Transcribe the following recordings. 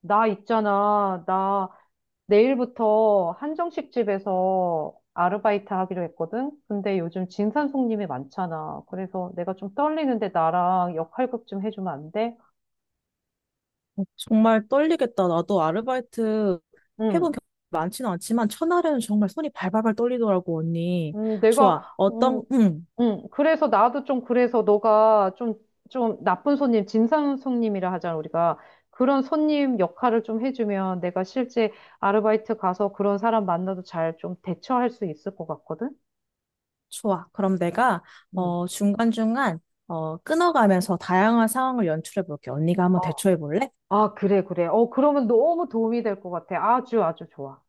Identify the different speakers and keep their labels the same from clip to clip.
Speaker 1: 나 있잖아. 나 내일부터 한정식 집에서 아르바이트 하기로 했거든. 근데 요즘 진산손님이 많잖아. 그래서 내가 좀 떨리는데 나랑 역할극 좀 해주면 안 돼?
Speaker 2: 정말 떨리겠다. 나도 아르바이트 해본
Speaker 1: 응.
Speaker 2: 경험이 많지는 않지만 첫날에는 정말 손이 발발발 떨리더라고, 언니.
Speaker 1: 음, 내가
Speaker 2: 좋아.
Speaker 1: 음,
Speaker 2: 어떤, 응,
Speaker 1: 음. 그래서 나도 좀 그래서 너가 좀 좀 나쁜 손님, 진상손님이라 하잖아, 우리가. 그런 손님 역할을 좀 해주면 내가 실제 아르바이트 가서 그런 사람 만나도 잘 좀 대처할 수 있을 것 같거든?
Speaker 2: 좋아. 그럼 내가,
Speaker 1: 음.
Speaker 2: 중간중간, 끊어가면서 다양한 상황을 연출해 볼게. 언니가
Speaker 1: 어.
Speaker 2: 한번 대처해 볼래?
Speaker 1: 아, 그래, 그래. 그러면 너무 도움이 될 것 같아. 아주, 아주 좋아.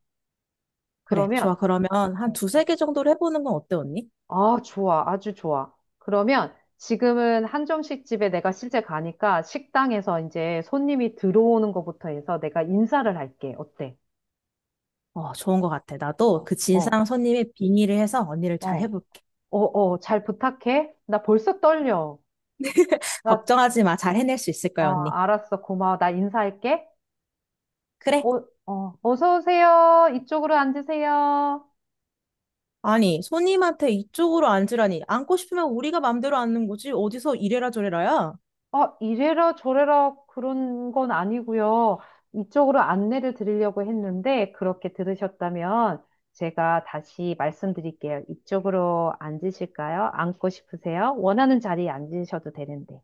Speaker 2: 그래, 좋아.
Speaker 1: 그러면,
Speaker 2: 그러면 한
Speaker 1: 어,
Speaker 2: 두세
Speaker 1: 어.
Speaker 2: 개 정도로 해보는 건 어때, 언니?
Speaker 1: 아, 좋아. 아주 좋아. 그러면 지금은 한정식 집에 내가 실제 가니까 식당에서 이제 손님이 들어오는 것부터 해서 내가 인사를 할게. 어때?
Speaker 2: 어, 좋은 것 같아. 나도
Speaker 1: 어,
Speaker 2: 그
Speaker 1: 어,
Speaker 2: 진상 손님의 빙의를 해서 언니를 잘
Speaker 1: 어,
Speaker 2: 해볼게.
Speaker 1: 어, 어, 잘 부탁해. 나 벌써 떨려. 나,
Speaker 2: 걱정하지 마. 잘 해낼 수 있을
Speaker 1: 어,
Speaker 2: 거야, 언니.
Speaker 1: 알았어. 고마워. 나 인사할게.
Speaker 2: 그래,
Speaker 1: 어, 어, 어서 오세요. 이쪽으로 앉으세요.
Speaker 2: 아니, 손님한테 이쪽으로 앉으라니. 앉고 싶으면 우리가 맘대로 앉는 거지. 어디서 이래라 저래라야?
Speaker 1: 아, 이래라 저래라 그런 건 아니고요. 이쪽으로 안내를 드리려고 했는데 그렇게 들으셨다면 제가 다시 말씀드릴게요. 이쪽으로 앉으실까요? 앉고 싶으세요? 원하는 자리에 앉으셔도 되는데.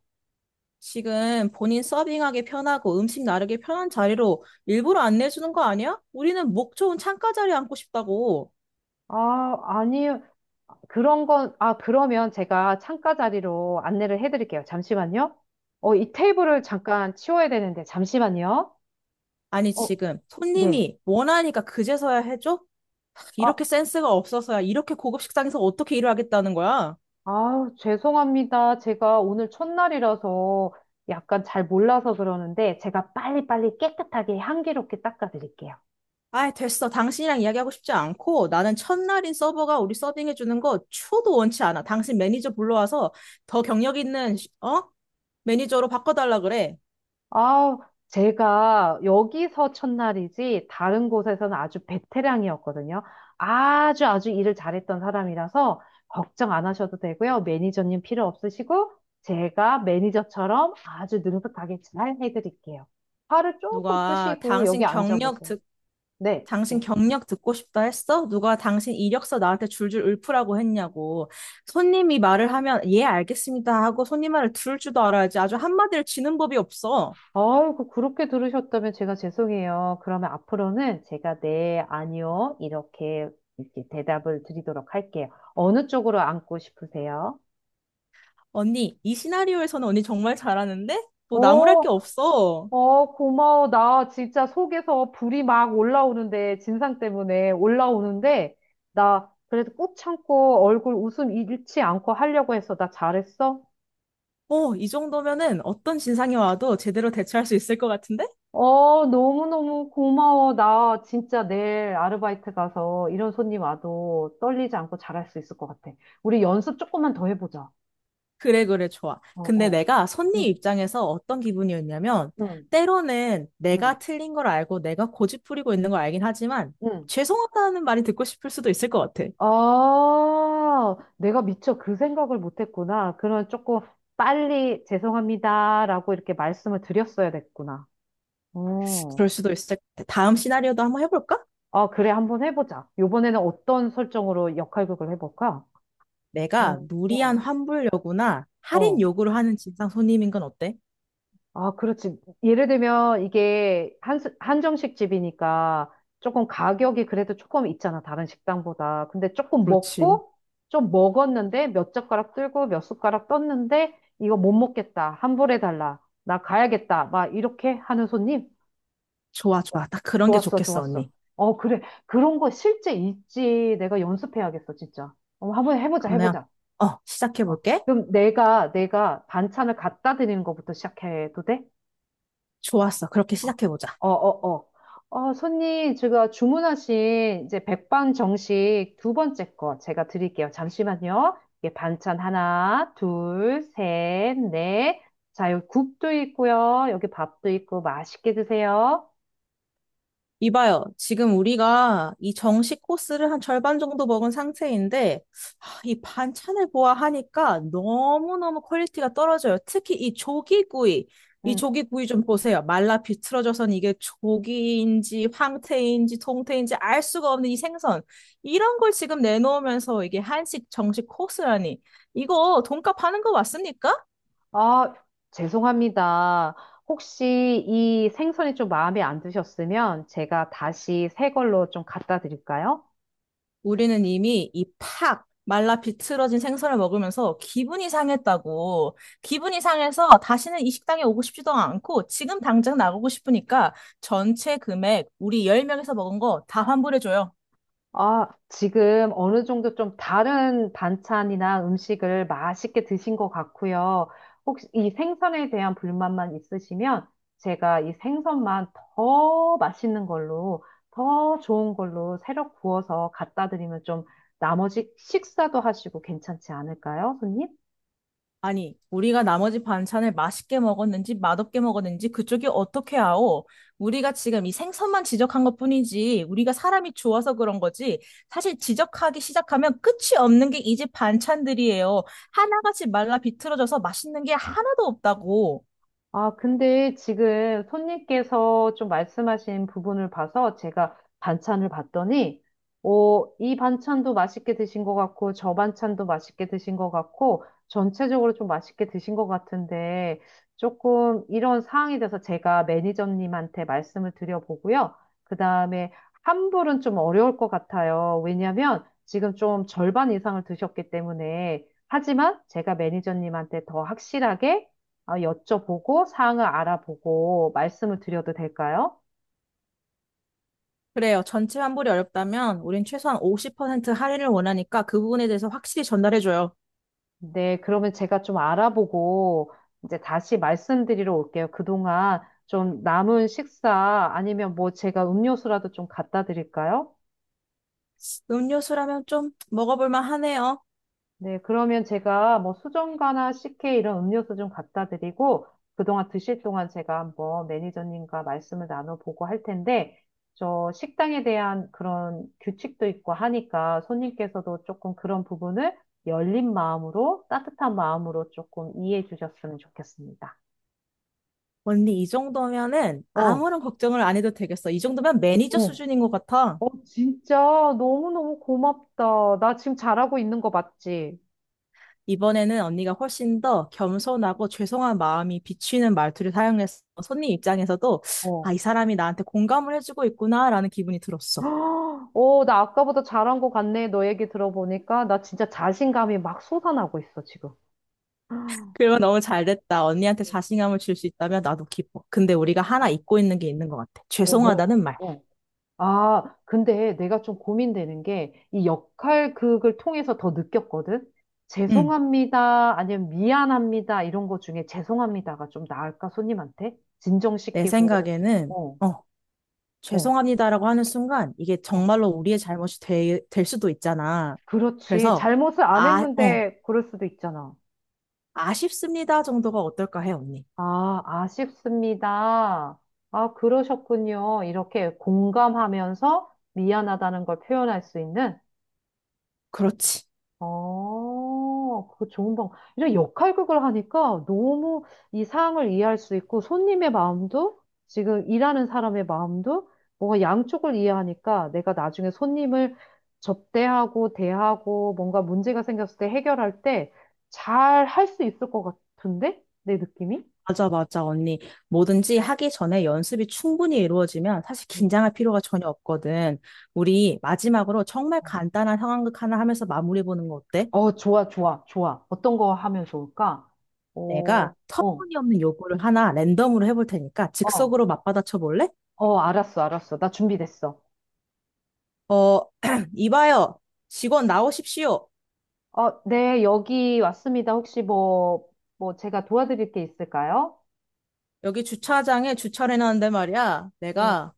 Speaker 2: 지금 본인 서빙하기 편하고 음식 나르기 편한 자리로 일부러 안내해주는 거 아니야? 우리는 목 좋은 창가 자리에 앉고 싶다고.
Speaker 1: 아, 아니요. 그런 건, 아, 그러면 제가 창가 자리로 안내를 해드릴게요. 잠시만요. 어, 이 테이블을 잠깐 치워야 되는데 잠시만요.
Speaker 2: 아니,
Speaker 1: 어,
Speaker 2: 지금
Speaker 1: 네.
Speaker 2: 손님이 원하니까 그제서야 해줘?
Speaker 1: 아,
Speaker 2: 이렇게 센스가 없어서야 이렇게 고급 식당에서 어떻게 일을 하겠다는 거야?
Speaker 1: 아, 죄송합니다. 제가 오늘 첫날이라서 약간 잘 몰라서 그러는데 제가 빨리빨리 깨끗하게 향기롭게 닦아드릴게요.
Speaker 2: 아이, 됐어. 당신이랑 이야기하고 싶지 않고 나는 첫날인 서버가 우리 서빙해주는 거 초도 원치 않아. 당신 매니저 불러와서 더 경력 있는, 어? 매니저로 바꿔달라 그래.
Speaker 1: 아, 제가 여기서 첫날이지 다른 곳에서는 아주 베테랑이었거든요. 아주 아주 일을 잘했던 사람이라서 걱정 안 하셔도 되고요. 매니저님 필요 없으시고 제가 매니저처럼 아주 능숙하게 잘 해드릴게요. 팔을 조금
Speaker 2: 누가
Speaker 1: 푸시고 여기
Speaker 2: 당신 경력
Speaker 1: 앉아보세요.
Speaker 2: 듣,
Speaker 1: 네,
Speaker 2: 당신
Speaker 1: 네.
Speaker 2: 경력 듣고 싶다 했어? 누가 당신 이력서 나한테 줄줄 읊으라고 했냐고. 손님이 말을 하면, 예, 알겠습니다 하고 손님 말을 들을 줄도 알아야지. 아주 한마디를 치는 법이 없어.
Speaker 1: 아이고, 그렇게 들으셨다면 제가 죄송해요. 그러면 앞으로는 제가 네, 아니요, 이렇게, 이렇게 대답을 드리도록 할게요. 어느 쪽으로 앉고 싶으세요?
Speaker 2: 언니, 이 시나리오에서는 언니 정말 잘하는데? 뭐 나무랄 게
Speaker 1: 어,
Speaker 2: 없어.
Speaker 1: 어, 고마워. 나 진짜 속에서 불이 막 올라오는데, 진상 때문에 올라오는데, 나 그래도 꾹 참고 얼굴 웃음 잃지 않고 하려고 했어. 나 잘했어?
Speaker 2: 어, 이 정도면은 어떤 진상이 와도 제대로 대처할 수 있을 것 같은데?
Speaker 1: 어, 너무너무 고마워. 나 진짜 내일 아르바이트 가서 이런 손님 와도 떨리지 않고 잘할 수 있을 것 같아. 우리 연습 조금만 더 해보자.
Speaker 2: 그래, 그래, 좋아.
Speaker 1: 어,
Speaker 2: 근데
Speaker 1: 어.
Speaker 2: 내가 손님
Speaker 1: 응,
Speaker 2: 입장에서 어떤 기분이었냐면,
Speaker 1: 응,
Speaker 2: 때로는 내가
Speaker 1: 응,
Speaker 2: 틀린 걸 알고 내가 고집부리고 있는 걸 알긴 하지만,
Speaker 1: 응.
Speaker 2: 죄송하다는 말이 듣고 싶을 수도 있을 것 같아.
Speaker 1: 아, 내가 미처 그 생각을 못했구나. 그런 조금 빨리 죄송합니다라고 이렇게 말씀을 드렸어야 됐구나. 어.
Speaker 2: 그럴 수도 있을 것 같아. 다음 시나리오도 한번 해볼까?
Speaker 1: 아, 그래. 한번 해보자. 요번에는 어떤 설정으로 역할극을 해볼까? 음,
Speaker 2: 내가
Speaker 1: 어,
Speaker 2: 무리한 환불 요구나 할인
Speaker 1: 어.
Speaker 2: 요구를 하는 진상 손님인 건 어때?
Speaker 1: 아, 그렇지. 예를 들면 이게 한정식 집이니까 조금 가격이 그래도 조금 있잖아, 다른 식당보다. 근데 조금
Speaker 2: 그렇지.
Speaker 1: 먹고, 좀 먹었는데 몇 젓가락 들고 몇 숟가락 떴는데 이거 못 먹겠다. 환불해 달라. 나 가야겠다. 막 이렇게 하는 손님?
Speaker 2: 좋아, 좋아. 딱 그런 게
Speaker 1: 좋았어,
Speaker 2: 좋겠어,
Speaker 1: 좋았어.
Speaker 2: 언니.
Speaker 1: 어, 그래. 그런 거 실제 있지. 내가 연습해야겠어, 진짜. 어, 한번 해보자,
Speaker 2: 그러면,
Speaker 1: 해보자. 어.
Speaker 2: 시작해볼게.
Speaker 1: 그럼 내가 반찬을 갖다 드리는 것부터 시작해도 돼?
Speaker 2: 좋았어. 그렇게 시작해보자.
Speaker 1: 어, 어, 어. 어, 손님, 제가 주문하신 이제 백반 정식 두 번째 거 제가 드릴게요. 잠시만요. 이게 반찬 하나, 둘, 셋, 넷. 자, 여기 국도 있고요. 여기 밥도 있고 맛있게 드세요.
Speaker 2: 이봐요. 지금 우리가 이 정식 코스를 한 절반 정도 먹은 상태인데, 하, 이 반찬을 보아하니까 너무너무 퀄리티가 떨어져요. 특히 이 조기구이. 이
Speaker 1: 음.
Speaker 2: 조기구이 좀 보세요. 말라 비틀어져선 이게 조기인지 황태인지 동태인지 알 수가 없는 이 생선. 이런 걸 지금 내놓으면서 이게 한식 정식 코스라니. 이거 돈값 하는 거 맞습니까?
Speaker 1: 아, 죄송합니다. 혹시 이 생선이 좀 마음에 안 드셨으면 제가 다시 새 걸로 좀 갖다 드릴까요?
Speaker 2: 우리는 이미 이 팍 말라 비틀어진 생선을 먹으면서 기분이 상했다고. 기분이 상해서 다시는 이 식당에 오고 싶지도 않고 지금 당장 나가고 싶으니까 전체 금액 우리 10명에서 먹은 거 다 환불해줘요.
Speaker 1: 아, 지금 어느 정도 좀 다른 반찬이나 음식을 맛있게 드신 것 같고요. 혹시 이 생선에 대한 불만만 있으시면 제가 이 생선만 더 맛있는 걸로, 더 좋은 걸로 새로 구워서 갖다 드리면 좀 나머지 식사도 하시고 괜찮지 않을까요, 손님?
Speaker 2: 아니, 우리가 나머지 반찬을 맛있게 먹었는지 맛없게 먹었는지 그쪽이 어떻게 아오? 우리가 지금 이 생선만 지적한 것뿐이지 우리가 사람이 좋아서 그런 거지 사실 지적하기 시작하면 끝이 없는 게 이 집 반찬들이에요. 하나같이 말라 비틀어져서 맛있는 게 하나도 없다고.
Speaker 1: 아, 근데 지금 손님께서 좀 말씀하신 부분을 봐서 제가 반찬을 봤더니, 어, 이 반찬도 맛있게 드신 것 같고, 저 반찬도 맛있게 드신 것 같고, 전체적으로 좀 맛있게 드신 것 같은데, 조금 이런 상황이 돼서 제가 매니저님한테 말씀을 드려보고요. 그 다음에 환불은 좀 어려울 것 같아요. 왜냐면 지금 좀 절반 이상을 드셨기 때문에, 하지만 제가 매니저님한테 더 확실하게 아, 여쭤보고 사항을 알아보고 말씀을 드려도 될까요?
Speaker 2: 그래요. 전체 환불이 어렵다면 우린 최소한 50% 할인을 원하니까 그 부분에 대해서 확실히 전달해줘요.
Speaker 1: 네, 그러면 제가 좀 알아보고 이제 다시 말씀드리러 올게요. 그동안 좀 남은 식사 아니면 뭐 제가 음료수라도 좀 갖다 드릴까요?
Speaker 2: 음료수라면 좀 먹어볼만 하네요.
Speaker 1: 네, 그러면 제가 뭐 수정과나 CK 이런 음료수 좀 갖다 드리고 그동안 드실 동안 제가 한번 매니저님과 말씀을 나눠보고 할 텐데 저 식당에 대한 그런 규칙도 있고 하니까 손님께서도 조금 그런 부분을 열린 마음으로 따뜻한 마음으로 조금 이해해 주셨으면 좋겠습니다.
Speaker 2: 언니, 이 정도면은
Speaker 1: 어,
Speaker 2: 아무런 걱정을 안 해도 되겠어. 이 정도면 매니저
Speaker 1: 어,
Speaker 2: 수준인 것 같아.
Speaker 1: 진짜 너무너무 고맙다. 나 지금 잘하고 있는 거 맞지?
Speaker 2: 이번에는 언니가 훨씬 더 겸손하고 죄송한 마음이 비치는 말투를 사용해서 손님 입장에서도 아,
Speaker 1: 어.
Speaker 2: 이 사람이 나한테 공감을 해주고 있구나라는 기분이 들었어.
Speaker 1: 헉, 오, 나 아까보다 잘한 것 같네. 너 얘기 들어보니까. 나 진짜 자신감이 막 솟아나고 있어, 지금. 헉,
Speaker 2: 그러면 너무 잘 됐다. 언니한테 자신감을 줄 수 있다면 나도 기뻐. 근데 우리가 하나 잊고 있는 게 있는 것 같아.
Speaker 1: 어, 뭐,
Speaker 2: 죄송하다는 말.
Speaker 1: 어. 아, 근데 내가 좀 고민되는 게, 이 역할극을 통해서 더 느꼈거든?
Speaker 2: 응.
Speaker 1: 죄송합니다, 아니면 미안합니다, 이런 거 중에 죄송합니다가 좀 나을까, 손님한테?
Speaker 2: 내
Speaker 1: 진정시키고,
Speaker 2: 생각에는
Speaker 1: 어,
Speaker 2: 어,
Speaker 1: 어,
Speaker 2: 죄송합니다라고 하는 순간 이게
Speaker 1: 어.
Speaker 2: 정말로 우리의 잘못이 될 수도 있잖아.
Speaker 1: 그렇지.
Speaker 2: 그래서
Speaker 1: 잘못을 안
Speaker 2: 아, 어,
Speaker 1: 했는데, 그럴 수도 있잖아.
Speaker 2: 아쉽습니다 정도가 어떨까 해, 언니.
Speaker 1: 아, 아쉽습니다. 아, 그러셨군요. 이렇게 공감하면서 미안하다는 걸 표현할 수 있는,
Speaker 2: 그렇지.
Speaker 1: 어, 그거 좋은 방법. 이런 역할극을 하니까 너무 이 상황을 이해할 수 있고, 손님의 마음도, 지금 일하는 사람의 마음도, 뭔가 양쪽을 이해하니까 내가 나중에 손님을 접대하고, 대하고, 뭔가 문제가 생겼을 때 해결할 때 잘 할 수 있을 것 같은데? 내 느낌이?
Speaker 2: 맞아, 맞아, 언니. 뭐든지 하기 전에 연습이 충분히 이루어지면 사실
Speaker 1: 음.
Speaker 2: 긴장할 필요가 전혀 없거든. 우리 마지막으로 정말 간단한 상황극 하나 하면서 마무리 보는 거 어때?
Speaker 1: 어, 좋아, 좋아, 좋아. 어떤 거 하면 좋을까?
Speaker 2: 내가
Speaker 1: 어, 어,
Speaker 2: 터무니없는 요구를 하나 랜덤으로 해볼 테니까
Speaker 1: 어,
Speaker 2: 즉석으로 맞받아쳐 볼래?
Speaker 1: 어, 알았어, 알았어. 나 준비됐어.
Speaker 2: 어, 이봐요. 직원 나오십시오.
Speaker 1: 어, 네, 여기 왔습니다. 혹시 뭐, 제가 도와드릴 게 있을까요?
Speaker 2: 여기 주차장에 주차를 해놨는데 말이야.
Speaker 1: 네.
Speaker 2: 내가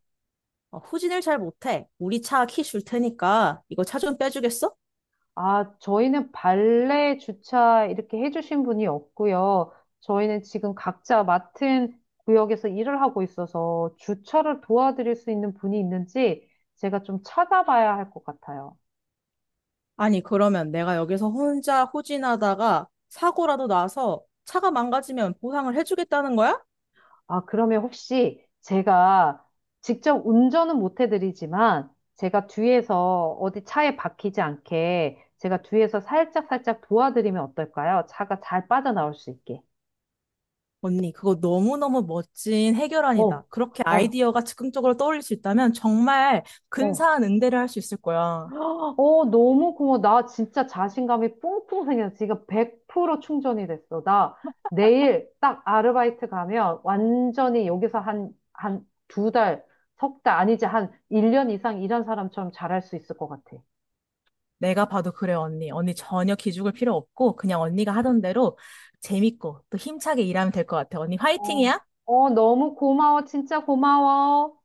Speaker 2: 후진을 잘 못해. 우리 차 키 줄 테니까 이거 차 좀 빼주겠어?
Speaker 1: 아, 저희는 발레 주차 이렇게 해주신 분이 없고요. 저희는 지금 각자 맡은 구역에서 일을 하고 있어서 주차를 도와드릴 수 있는 분이 있는지 제가 좀 찾아봐야 할 것 같아요.
Speaker 2: 아니, 그러면 내가 여기서 혼자 후진하다가 사고라도 나서 차가 망가지면 보상을 해주겠다는 거야?
Speaker 1: 아, 그러면 혹시 제가 직접 운전은 못 해드리지만 제가 뒤에서 어디 차에 박히지 않게 제가 뒤에서 살짝살짝 도와드리면 어떨까요? 차가 잘 빠져나올 수 있게.
Speaker 2: 언니, 그거 너무너무 멋진
Speaker 1: 어,
Speaker 2: 해결안이다. 그렇게
Speaker 1: 아,
Speaker 2: 아이디어가 즉흥적으로 떠올릴 수 있다면 정말
Speaker 1: 어.
Speaker 2: 근사한 응대를 할 수 있을 거야.
Speaker 1: 어, 너무 고마워. 나 진짜 자신감이 뿡뿡 생겼어. 지금 100% 충전이 됐어. 나 내일 딱 아르바이트 가면 완전히 여기서 한 두 달, 석 달, 아니지, 한 1년 이상 일한 사람처럼 잘할 수 있을 것 같아.
Speaker 2: 내가 봐도 그래, 언니. 언니 전혀 기죽을 필요 없고 그냥 언니가 하던 대로 재밌고 또 힘차게 일하면 될 것 같아. 언니
Speaker 1: 어,
Speaker 2: 화이팅이야!
Speaker 1: 어, 너무 고마워. 진짜 고마워.